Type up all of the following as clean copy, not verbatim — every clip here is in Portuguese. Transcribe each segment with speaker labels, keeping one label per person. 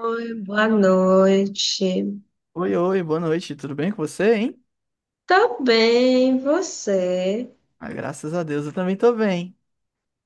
Speaker 1: Oi, boa noite.
Speaker 2: Oi, boa noite, tudo bem com você, hein?
Speaker 1: Tá bem, você?
Speaker 2: Ah, graças a Deus, eu também tô bem.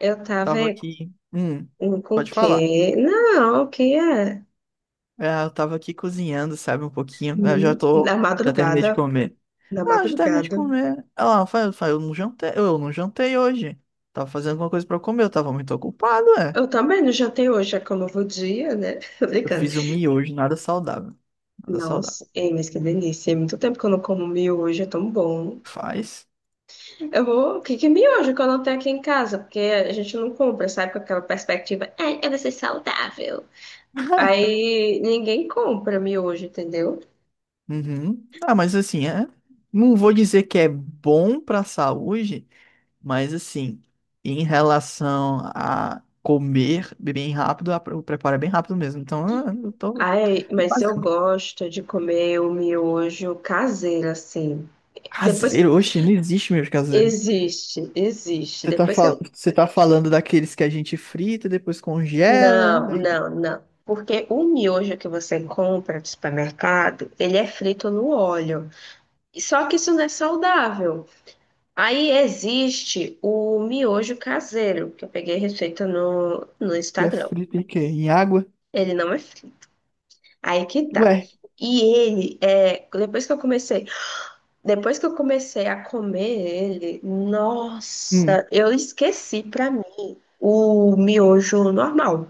Speaker 1: Eu tava
Speaker 2: Tava
Speaker 1: em-
Speaker 2: aqui.
Speaker 1: com o
Speaker 2: Pode falar.
Speaker 1: quê? Não, o que é?
Speaker 2: É, eu tava aqui cozinhando, sabe, um pouquinho. Eu já tô.
Speaker 1: Na
Speaker 2: Já terminei
Speaker 1: madrugada,
Speaker 2: de comer.
Speaker 1: na
Speaker 2: Ah, já terminei de
Speaker 1: madrugada.
Speaker 2: comer. Ah, eu não jantei hoje. Tava fazendo alguma coisa pra eu comer, eu tava muito ocupado, é.
Speaker 1: Eu também não jantei hoje, é que é um novo dia, né? Tô
Speaker 2: Eu
Speaker 1: brincando.
Speaker 2: fiz um miojo, nada saudável. Nada saudável.
Speaker 1: Nossa, ei, mas que delícia. É muito tempo que eu não como miojo, é tão bom.
Speaker 2: Faz.
Speaker 1: O que que é miojo que eu não tenho aqui em casa? Porque a gente não compra, sabe? Com aquela perspectiva, eu vou ser saudável. Aí ninguém compra miojo, entendeu?
Speaker 2: Uhum. Ah, mas assim, é. Não vou dizer que é bom pra saúde. Mas assim, em relação a comer bem rápido, o preparo é bem rápido mesmo. Então, ah, eu tô
Speaker 1: Ai,
Speaker 2: é
Speaker 1: mas
Speaker 2: quase
Speaker 1: eu gosto de comer o miojo caseiro, assim. Depois,
Speaker 2: caseiro. Oxe, não existe mesmo caseiro.
Speaker 1: existe, existe.
Speaker 2: Você tá,
Speaker 1: Depois que eu...
Speaker 2: Você tá falando daqueles que a gente frita, depois congela,
Speaker 1: Não,
Speaker 2: aí
Speaker 1: não, não. Porque o miojo que você compra no supermercado, ele é frito no óleo. Só que isso não é saudável. Aí existe o miojo caseiro, que eu peguei a receita no
Speaker 2: que é
Speaker 1: Instagram.
Speaker 2: frito em quê? Em água?
Speaker 1: Ele não é frito. Aí que tá.
Speaker 2: Ué.
Speaker 1: E ele, depois que eu comecei a comer ele,
Speaker 2: Hum.
Speaker 1: nossa, eu esqueci pra mim o miojo normal.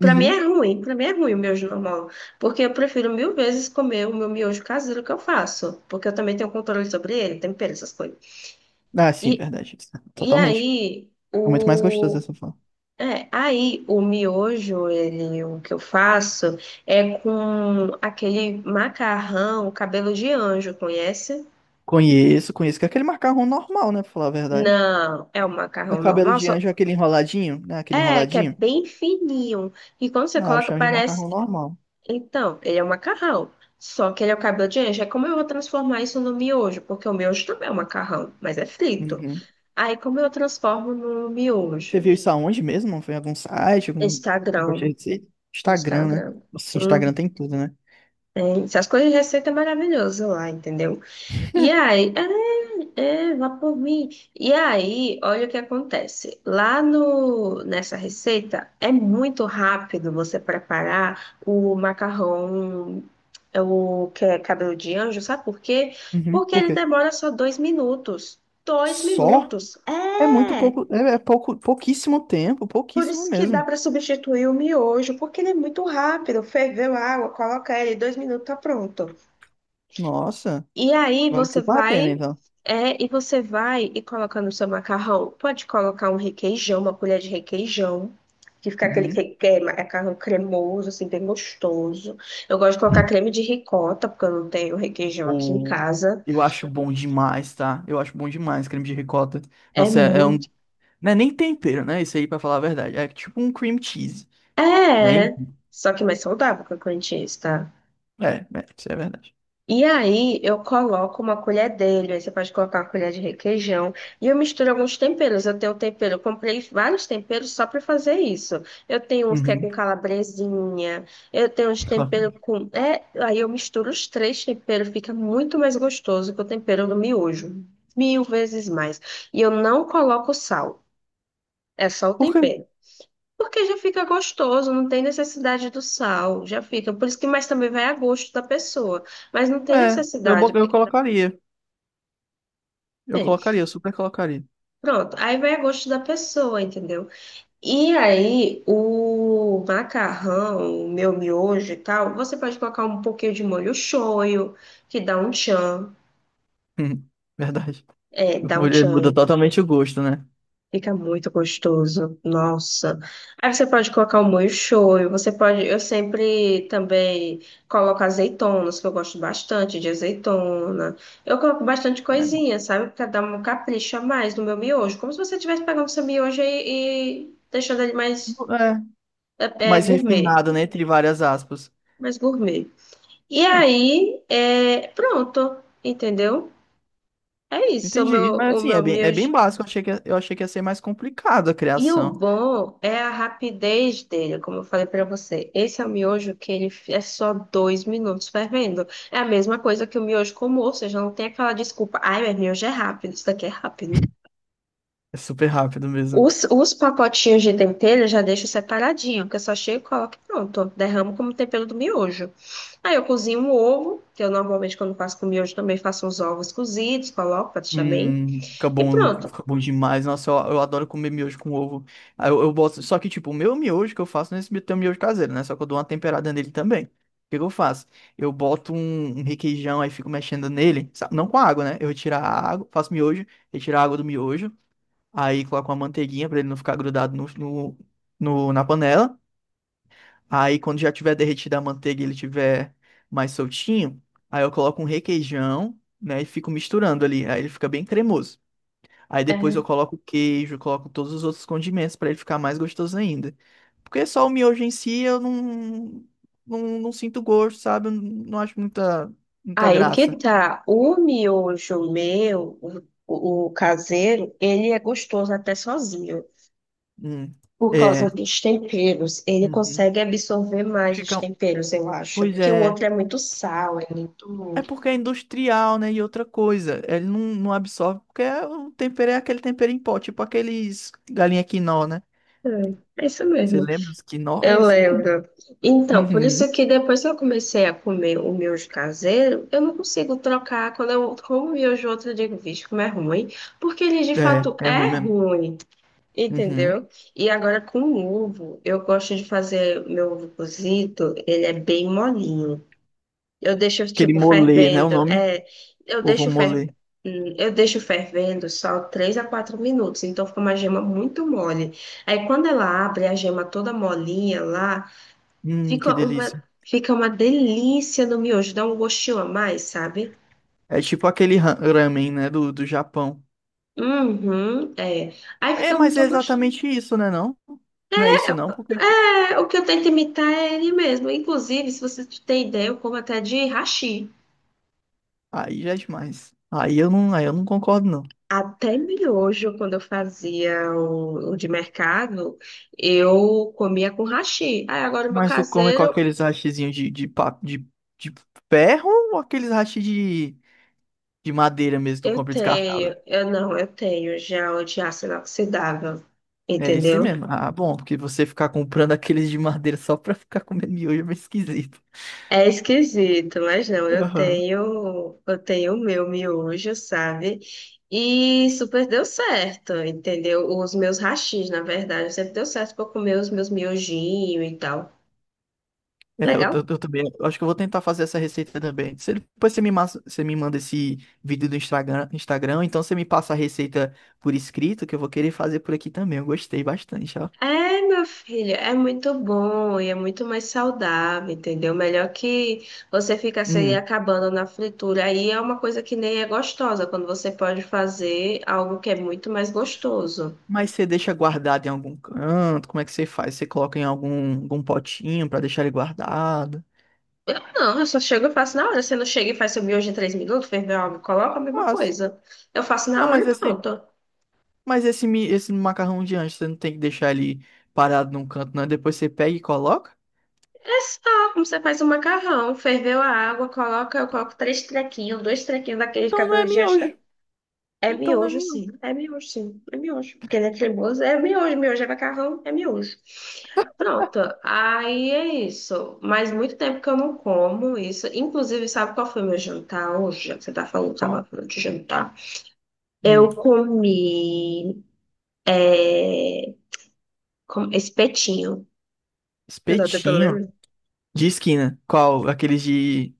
Speaker 1: Pra mim é
Speaker 2: Uhum.
Speaker 1: ruim, pra mim é ruim o miojo normal, porque eu prefiro mil vezes comer o meu miojo caseiro que eu faço, porque eu também tenho controle sobre ele, tempero, essas coisas.
Speaker 2: Ah, sim,
Speaker 1: E,
Speaker 2: verdade.
Speaker 1: e
Speaker 2: Totalmente.
Speaker 1: aí,
Speaker 2: É muito mais gostoso dessa forma.
Speaker 1: o miojo, ele, o que eu faço é com aquele macarrão, cabelo de anjo, conhece?
Speaker 2: Conheço, conheço, que é aquele macarrão normal, né, pra falar a verdade.
Speaker 1: Não, é um
Speaker 2: No
Speaker 1: macarrão
Speaker 2: cabelo
Speaker 1: normal,
Speaker 2: de
Speaker 1: só
Speaker 2: anjo, é aquele enroladinho, né, aquele
Speaker 1: é que é
Speaker 2: enroladinho.
Speaker 1: bem fininho. E quando você
Speaker 2: Ah, eu
Speaker 1: coloca,
Speaker 2: chamo de
Speaker 1: parece.
Speaker 2: macarrão normal.
Speaker 1: Então, ele é um macarrão. Só que ele é o cabelo de anjo. É como eu vou transformar isso no miojo, porque o miojo também é um macarrão, mas é frito.
Speaker 2: Uhum.
Speaker 1: Aí, como eu transformo no
Speaker 2: Você
Speaker 1: miojo?
Speaker 2: viu isso aonde mesmo? Não foi em algum site, algum negócio
Speaker 1: Instagram.
Speaker 2: de receita? Instagram, né?
Speaker 1: Instagram.
Speaker 2: Nossa,
Speaker 1: Hum,
Speaker 2: Instagram tem tudo, né?
Speaker 1: tem. Essas coisas de receita é maravilhoso lá, entendeu? E aí, vá por mim. E aí, olha o que acontece. Lá no, nessa receita, é muito rápido você preparar o macarrão, é o que é cabelo de anjo, sabe por quê?
Speaker 2: Uhum.
Speaker 1: Porque
Speaker 2: Por
Speaker 1: ele
Speaker 2: quê?
Speaker 1: demora só dois minutos. Dois
Speaker 2: Só?
Speaker 1: minutos.
Speaker 2: É muito
Speaker 1: É!
Speaker 2: pouco, é, é pouco, pouquíssimo tempo,
Speaker 1: Por
Speaker 2: pouquíssimo
Speaker 1: isso que dá
Speaker 2: mesmo.
Speaker 1: para substituir o miojo, porque ele é muito rápido. Ferveu a água, coloca ele, dois minutos, tá pronto.
Speaker 2: Nossa,
Speaker 1: E aí
Speaker 2: vale
Speaker 1: você
Speaker 2: super a pena,
Speaker 1: vai,
Speaker 2: então.
Speaker 1: é, e você vai e colocando no seu macarrão. Pode colocar um requeijão, uma colher de requeijão, que fica aquele
Speaker 2: Uhum.
Speaker 1: macarrão cremoso, assim, bem gostoso. Eu gosto de colocar creme de ricota, porque eu não tenho requeijão aqui em
Speaker 2: Ou
Speaker 1: casa.
Speaker 2: eu acho bom demais, tá? Eu acho bom demais creme de ricota.
Speaker 1: É
Speaker 2: Nossa, é, é um.
Speaker 1: muito.
Speaker 2: Não é nem tempero, né? Isso aí, pra falar a verdade. É tipo um cream cheese, né?
Speaker 1: É, só que mais saudável que o Corinthians, tá?
Speaker 2: É, é, isso é verdade.
Speaker 1: E aí eu coloco uma colher dele, aí você pode colocar uma colher de requeijão, e eu misturo alguns temperos. Eu tenho um tempero, eu comprei vários temperos só para fazer isso. Eu tenho uns que é
Speaker 2: Uhum.
Speaker 1: com calabresinha, eu tenho uns temperos aí eu misturo os três temperos, fica muito mais gostoso que o tempero do miojo, mil vezes mais. E eu não coloco sal, é só o
Speaker 2: Por quê?
Speaker 1: tempero. Porque já fica gostoso, não tem necessidade do sal, já fica. Por isso que mais também vai a gosto da pessoa. Mas não tem
Speaker 2: É, eu,
Speaker 1: necessidade.
Speaker 2: eu colocaria. Eu
Speaker 1: Bem,
Speaker 2: colocaria, eu super colocaria.
Speaker 1: pronto, aí vai a gosto da pessoa, entendeu? E aí, o macarrão, o meu miojo e tal, você pode colocar um pouquinho de molho shoyu, que dá um tchan,
Speaker 2: Verdade.
Speaker 1: dá um
Speaker 2: Mulher muda
Speaker 1: tchan.
Speaker 2: totalmente o gosto, né?
Speaker 1: Fica muito gostoso. Nossa. Aí você pode colocar o molho shoyu, você pode, eu sempre também coloco azeitonas, que eu gosto bastante de azeitona. Eu coloco bastante
Speaker 2: É, bom.
Speaker 1: coisinha, sabe? Pra dar um capricho a mais no meu miojo, como se você estivesse pegando seu miojo e deixando ele mais
Speaker 2: É,
Speaker 1: é,
Speaker 2: mais
Speaker 1: gourmet,
Speaker 2: refinado, né? Entre várias aspas.
Speaker 1: mais gourmet. E
Speaker 2: É,
Speaker 1: aí, pronto, entendeu? É isso, o
Speaker 2: entendi.
Speaker 1: meu,
Speaker 2: Mas
Speaker 1: o
Speaker 2: assim,
Speaker 1: meu
Speaker 2: é bem
Speaker 1: miojo.
Speaker 2: básico. Eu achei que ia ser mais complicado a
Speaker 1: E o
Speaker 2: criação.
Speaker 1: bom é a rapidez dele, como eu falei pra você. Esse é o miojo que é só dois minutos fervendo. É a mesma coisa que o miojo, com ou seja, não tem aquela desculpa. Ai, meu miojo é rápido, isso daqui é rápido.
Speaker 2: É super rápido mesmo.
Speaker 1: Os pacotinhos de tempero eu já deixo separadinho, que eu só chego e coloco e pronto. Derramo como tempero do miojo. Aí eu cozinho um ovo, que eu normalmente quando faço com miojo também faço uns ovos cozidos, coloco pra deixar bem. E pronto.
Speaker 2: Fica bom demais. Nossa, eu adoro comer miojo com ovo. Aí eu boto, só que, tipo, o meu miojo que eu faço nesse é esse tem um miojo caseiro, né? Só que eu dou uma temperada nele também. O que que eu faço? Eu boto um, um requeijão, aí fico mexendo nele, não com água, né? Eu retiro a água, faço miojo, retiro a água do miojo, aí coloco uma manteiguinha pra ele não ficar grudado na panela. Aí quando já tiver derretida a manteiga e ele tiver mais soltinho, aí eu coloco um requeijão, né? E fico misturando ali, aí ele fica bem cremoso. Aí depois eu coloco queijo, coloco todos os outros condimentos pra ele ficar mais gostoso ainda. Porque só o miojo em si eu não, não sinto gosto, sabe? Eu não acho muita, muita
Speaker 1: Aí que
Speaker 2: graça.
Speaker 1: tá. O miojo meu, o caseiro, ele é gostoso até sozinho.
Speaker 2: Hum,
Speaker 1: Por causa
Speaker 2: É.
Speaker 1: dos temperos, ele
Speaker 2: Uhum.
Speaker 1: consegue absorver mais os
Speaker 2: Fica.
Speaker 1: temperos, eu acho.
Speaker 2: Pois
Speaker 1: Porque o
Speaker 2: é.
Speaker 1: outro é muito sal, é muito.
Speaker 2: É porque é industrial, né? E outra coisa, ele não, não absorve, o tempero é aquele tempero em pó, tipo aqueles galinha quinó, né?
Speaker 1: É, é isso
Speaker 2: Você
Speaker 1: mesmo.
Speaker 2: lembra os quinó? É
Speaker 1: Eu
Speaker 2: isso mesmo.
Speaker 1: lembro. Então, por isso
Speaker 2: Uhum.
Speaker 1: que depois que eu comecei a comer o miojo caseiro, eu não consigo trocar. Quando eu como miojo outro, eu digo, vixe, como é ruim. Porque ele de
Speaker 2: É,
Speaker 1: fato
Speaker 2: é ruim
Speaker 1: é
Speaker 2: mesmo.
Speaker 1: ruim.
Speaker 2: Uhum.
Speaker 1: Entendeu? E agora com o ovo, eu gosto de fazer meu ovo cozido, ele é bem molinho. Eu deixo
Speaker 2: Aquele
Speaker 1: tipo
Speaker 2: molê, né? O
Speaker 1: fervendo,
Speaker 2: nome?
Speaker 1: eu
Speaker 2: Ovo
Speaker 1: deixo
Speaker 2: molê.
Speaker 1: fer, eu deixo fervendo só 3 a 4 minutos, então fica uma gema muito mole. Aí quando ela abre a gema toda molinha lá,
Speaker 2: Que
Speaker 1: fica uma
Speaker 2: delícia.
Speaker 1: fica uma delícia no miojo, dá um gostinho a mais, sabe?
Speaker 2: É tipo aquele ramen, né, do, do Japão.
Speaker 1: Uhum, é. Aí
Speaker 2: É,
Speaker 1: fica
Speaker 2: mas é
Speaker 1: muito gostoso.
Speaker 2: exatamente isso, né, não? Não é isso não, porque
Speaker 1: É, o que eu tento imitar é ele mesmo. Inclusive, se você tem ideia, eu como até de hashi.
Speaker 2: aí já é demais. Aí eu não concordo não.
Speaker 1: Até miojo, quando eu fazia o de mercado, eu comia com hashi. Aí agora o meu
Speaker 2: Mas tu come com
Speaker 1: caseiro,
Speaker 2: aqueles hashizinhos de, de ferro ou aqueles hashi de madeira mesmo, que tu
Speaker 1: eu
Speaker 2: compra descartável?
Speaker 1: tenho, eu não, eu tenho já o de aço inoxidável,
Speaker 2: É esse
Speaker 1: entendeu?
Speaker 2: mesmo. Ah, bom, porque você ficar comprando aqueles de madeira só pra ficar comendo miojo é meio esquisito.
Speaker 1: É esquisito, mas não, eu
Speaker 2: Aham.
Speaker 1: tenho, eu tenho o meu miojo, sabe? E super deu certo, entendeu? Os meus hashis, na verdade, sempre deu certo para comer os meus miojinhos e tal.
Speaker 2: É, eu,
Speaker 1: Legal?
Speaker 2: eu também. Eu acho que eu vou tentar fazer essa receita também. Se depois você me, você me manda esse vídeo do Instagram, Instagram, então você me passa a receita por escrito, que eu vou querer fazer por aqui também. Eu gostei bastante, ó.
Speaker 1: É, meu filho, é muito bom e é muito mais saudável, entendeu? Melhor que você ficar se aí
Speaker 2: Hum.
Speaker 1: acabando na fritura. Aí é uma coisa que nem é gostosa, quando você pode fazer algo que é muito mais gostoso.
Speaker 2: Mas você deixa guardado em algum canto? Como é que você faz? Você coloca em algum, algum potinho pra deixar ele guardado?
Speaker 1: Eu não, eu só chego e faço na hora. Você não chega e faz seu miojo em três minutos, ferveu água, coloca a mesma
Speaker 2: Faço.
Speaker 1: coisa. Eu faço
Speaker 2: Não,
Speaker 1: na hora e pronto.
Speaker 2: mas esse, esse macarrão de anjo, você não tem que deixar ele parado num canto, não. Depois você pega e coloca?
Speaker 1: É só como você faz o macarrão. Ferveu a água, coloca, eu coloco três trequinhos, dois trequinhos daquele
Speaker 2: Então não
Speaker 1: cabelo
Speaker 2: é
Speaker 1: de anjo.
Speaker 2: miojo.
Speaker 1: É
Speaker 2: Então não é
Speaker 1: miojo,
Speaker 2: miojo.
Speaker 1: sim. É miojo, sim. É miojo. Porque ele é cremoso. É miojo, miojo é macarrão, é miojo. Pronto, aí é isso. Mas muito tempo que eu não como isso. Inclusive, sabe qual foi o meu jantar hoje? Já que você tá falando, tava
Speaker 2: Qual?
Speaker 1: falando de jantar.
Speaker 2: Hum.
Speaker 1: Eu comi. É... Espetinho. Eu tô tentando
Speaker 2: Espetinho.
Speaker 1: lembrar.
Speaker 2: De esquina. Qual? Aqueles de,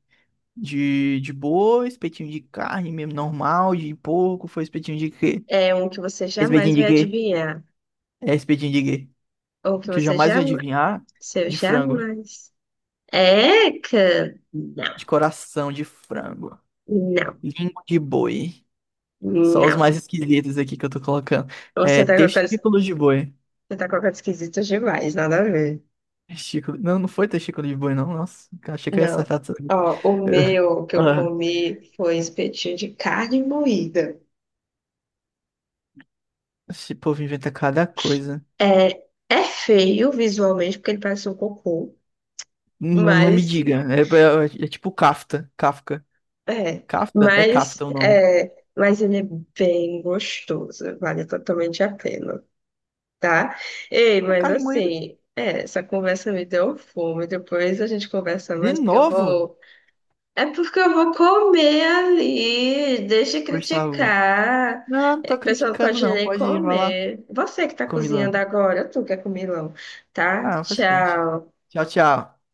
Speaker 2: de boa, espetinho de carne mesmo, normal, de porco, foi espetinho de quê?
Speaker 1: É um que você
Speaker 2: Espetinho
Speaker 1: jamais
Speaker 2: de
Speaker 1: vai
Speaker 2: quê?
Speaker 1: adivinhar.
Speaker 2: É espetinho de quê?
Speaker 1: Ou que
Speaker 2: Que eu
Speaker 1: você
Speaker 2: jamais ia
Speaker 1: jamais.
Speaker 2: adivinhar.
Speaker 1: Seu
Speaker 2: De frango.
Speaker 1: jamais. Eca! Não,
Speaker 2: De coração de frango.
Speaker 1: não,
Speaker 2: Língua de boi. Só os
Speaker 1: não.
Speaker 2: mais esquisitos aqui que eu tô colocando. É,
Speaker 1: Você tá com a coisa,
Speaker 2: testículo de boi.
Speaker 1: você tá com a coisa esquisita demais, nada a ver.
Speaker 2: Testículo. Não, não foi testículo de boi, não. Nossa, achei que eu ia
Speaker 1: Não.
Speaker 2: acertar tudo.
Speaker 1: Ó, o
Speaker 2: Eu-
Speaker 1: meu que eu
Speaker 2: Ah,
Speaker 1: comi foi espetinho de carne moída.
Speaker 2: esse povo inventa cada coisa.
Speaker 1: É, é feio visualmente, porque ele parece um cocô,
Speaker 2: Não, não me
Speaker 1: mas
Speaker 2: diga. É, é tipo Kafka. Kafka.
Speaker 1: É,
Speaker 2: Kafta? É
Speaker 1: mas,
Speaker 2: Kafta o nome.
Speaker 1: é, mas ele é bem gostoso, vale totalmente a pena, tá? Ei,
Speaker 2: É
Speaker 1: mas
Speaker 2: carne moída.
Speaker 1: assim, essa conversa me deu fome, depois a gente conversa
Speaker 2: De
Speaker 1: mais, porque eu
Speaker 2: novo,
Speaker 1: vou. É porque eu vou comer ali, deixa de
Speaker 2: Gustavo?
Speaker 1: criticar.
Speaker 2: Não, não
Speaker 1: É, a
Speaker 2: tô
Speaker 1: pessoa não
Speaker 2: criticando,
Speaker 1: pode
Speaker 2: não.
Speaker 1: nem
Speaker 2: Pode ir, vai lá.
Speaker 1: comer. Você que tá cozinhando
Speaker 2: Comilando.
Speaker 1: agora, tu que é comilão, tá?
Speaker 2: Ah, faz parte.
Speaker 1: Tchau.
Speaker 2: Tchau, tchau.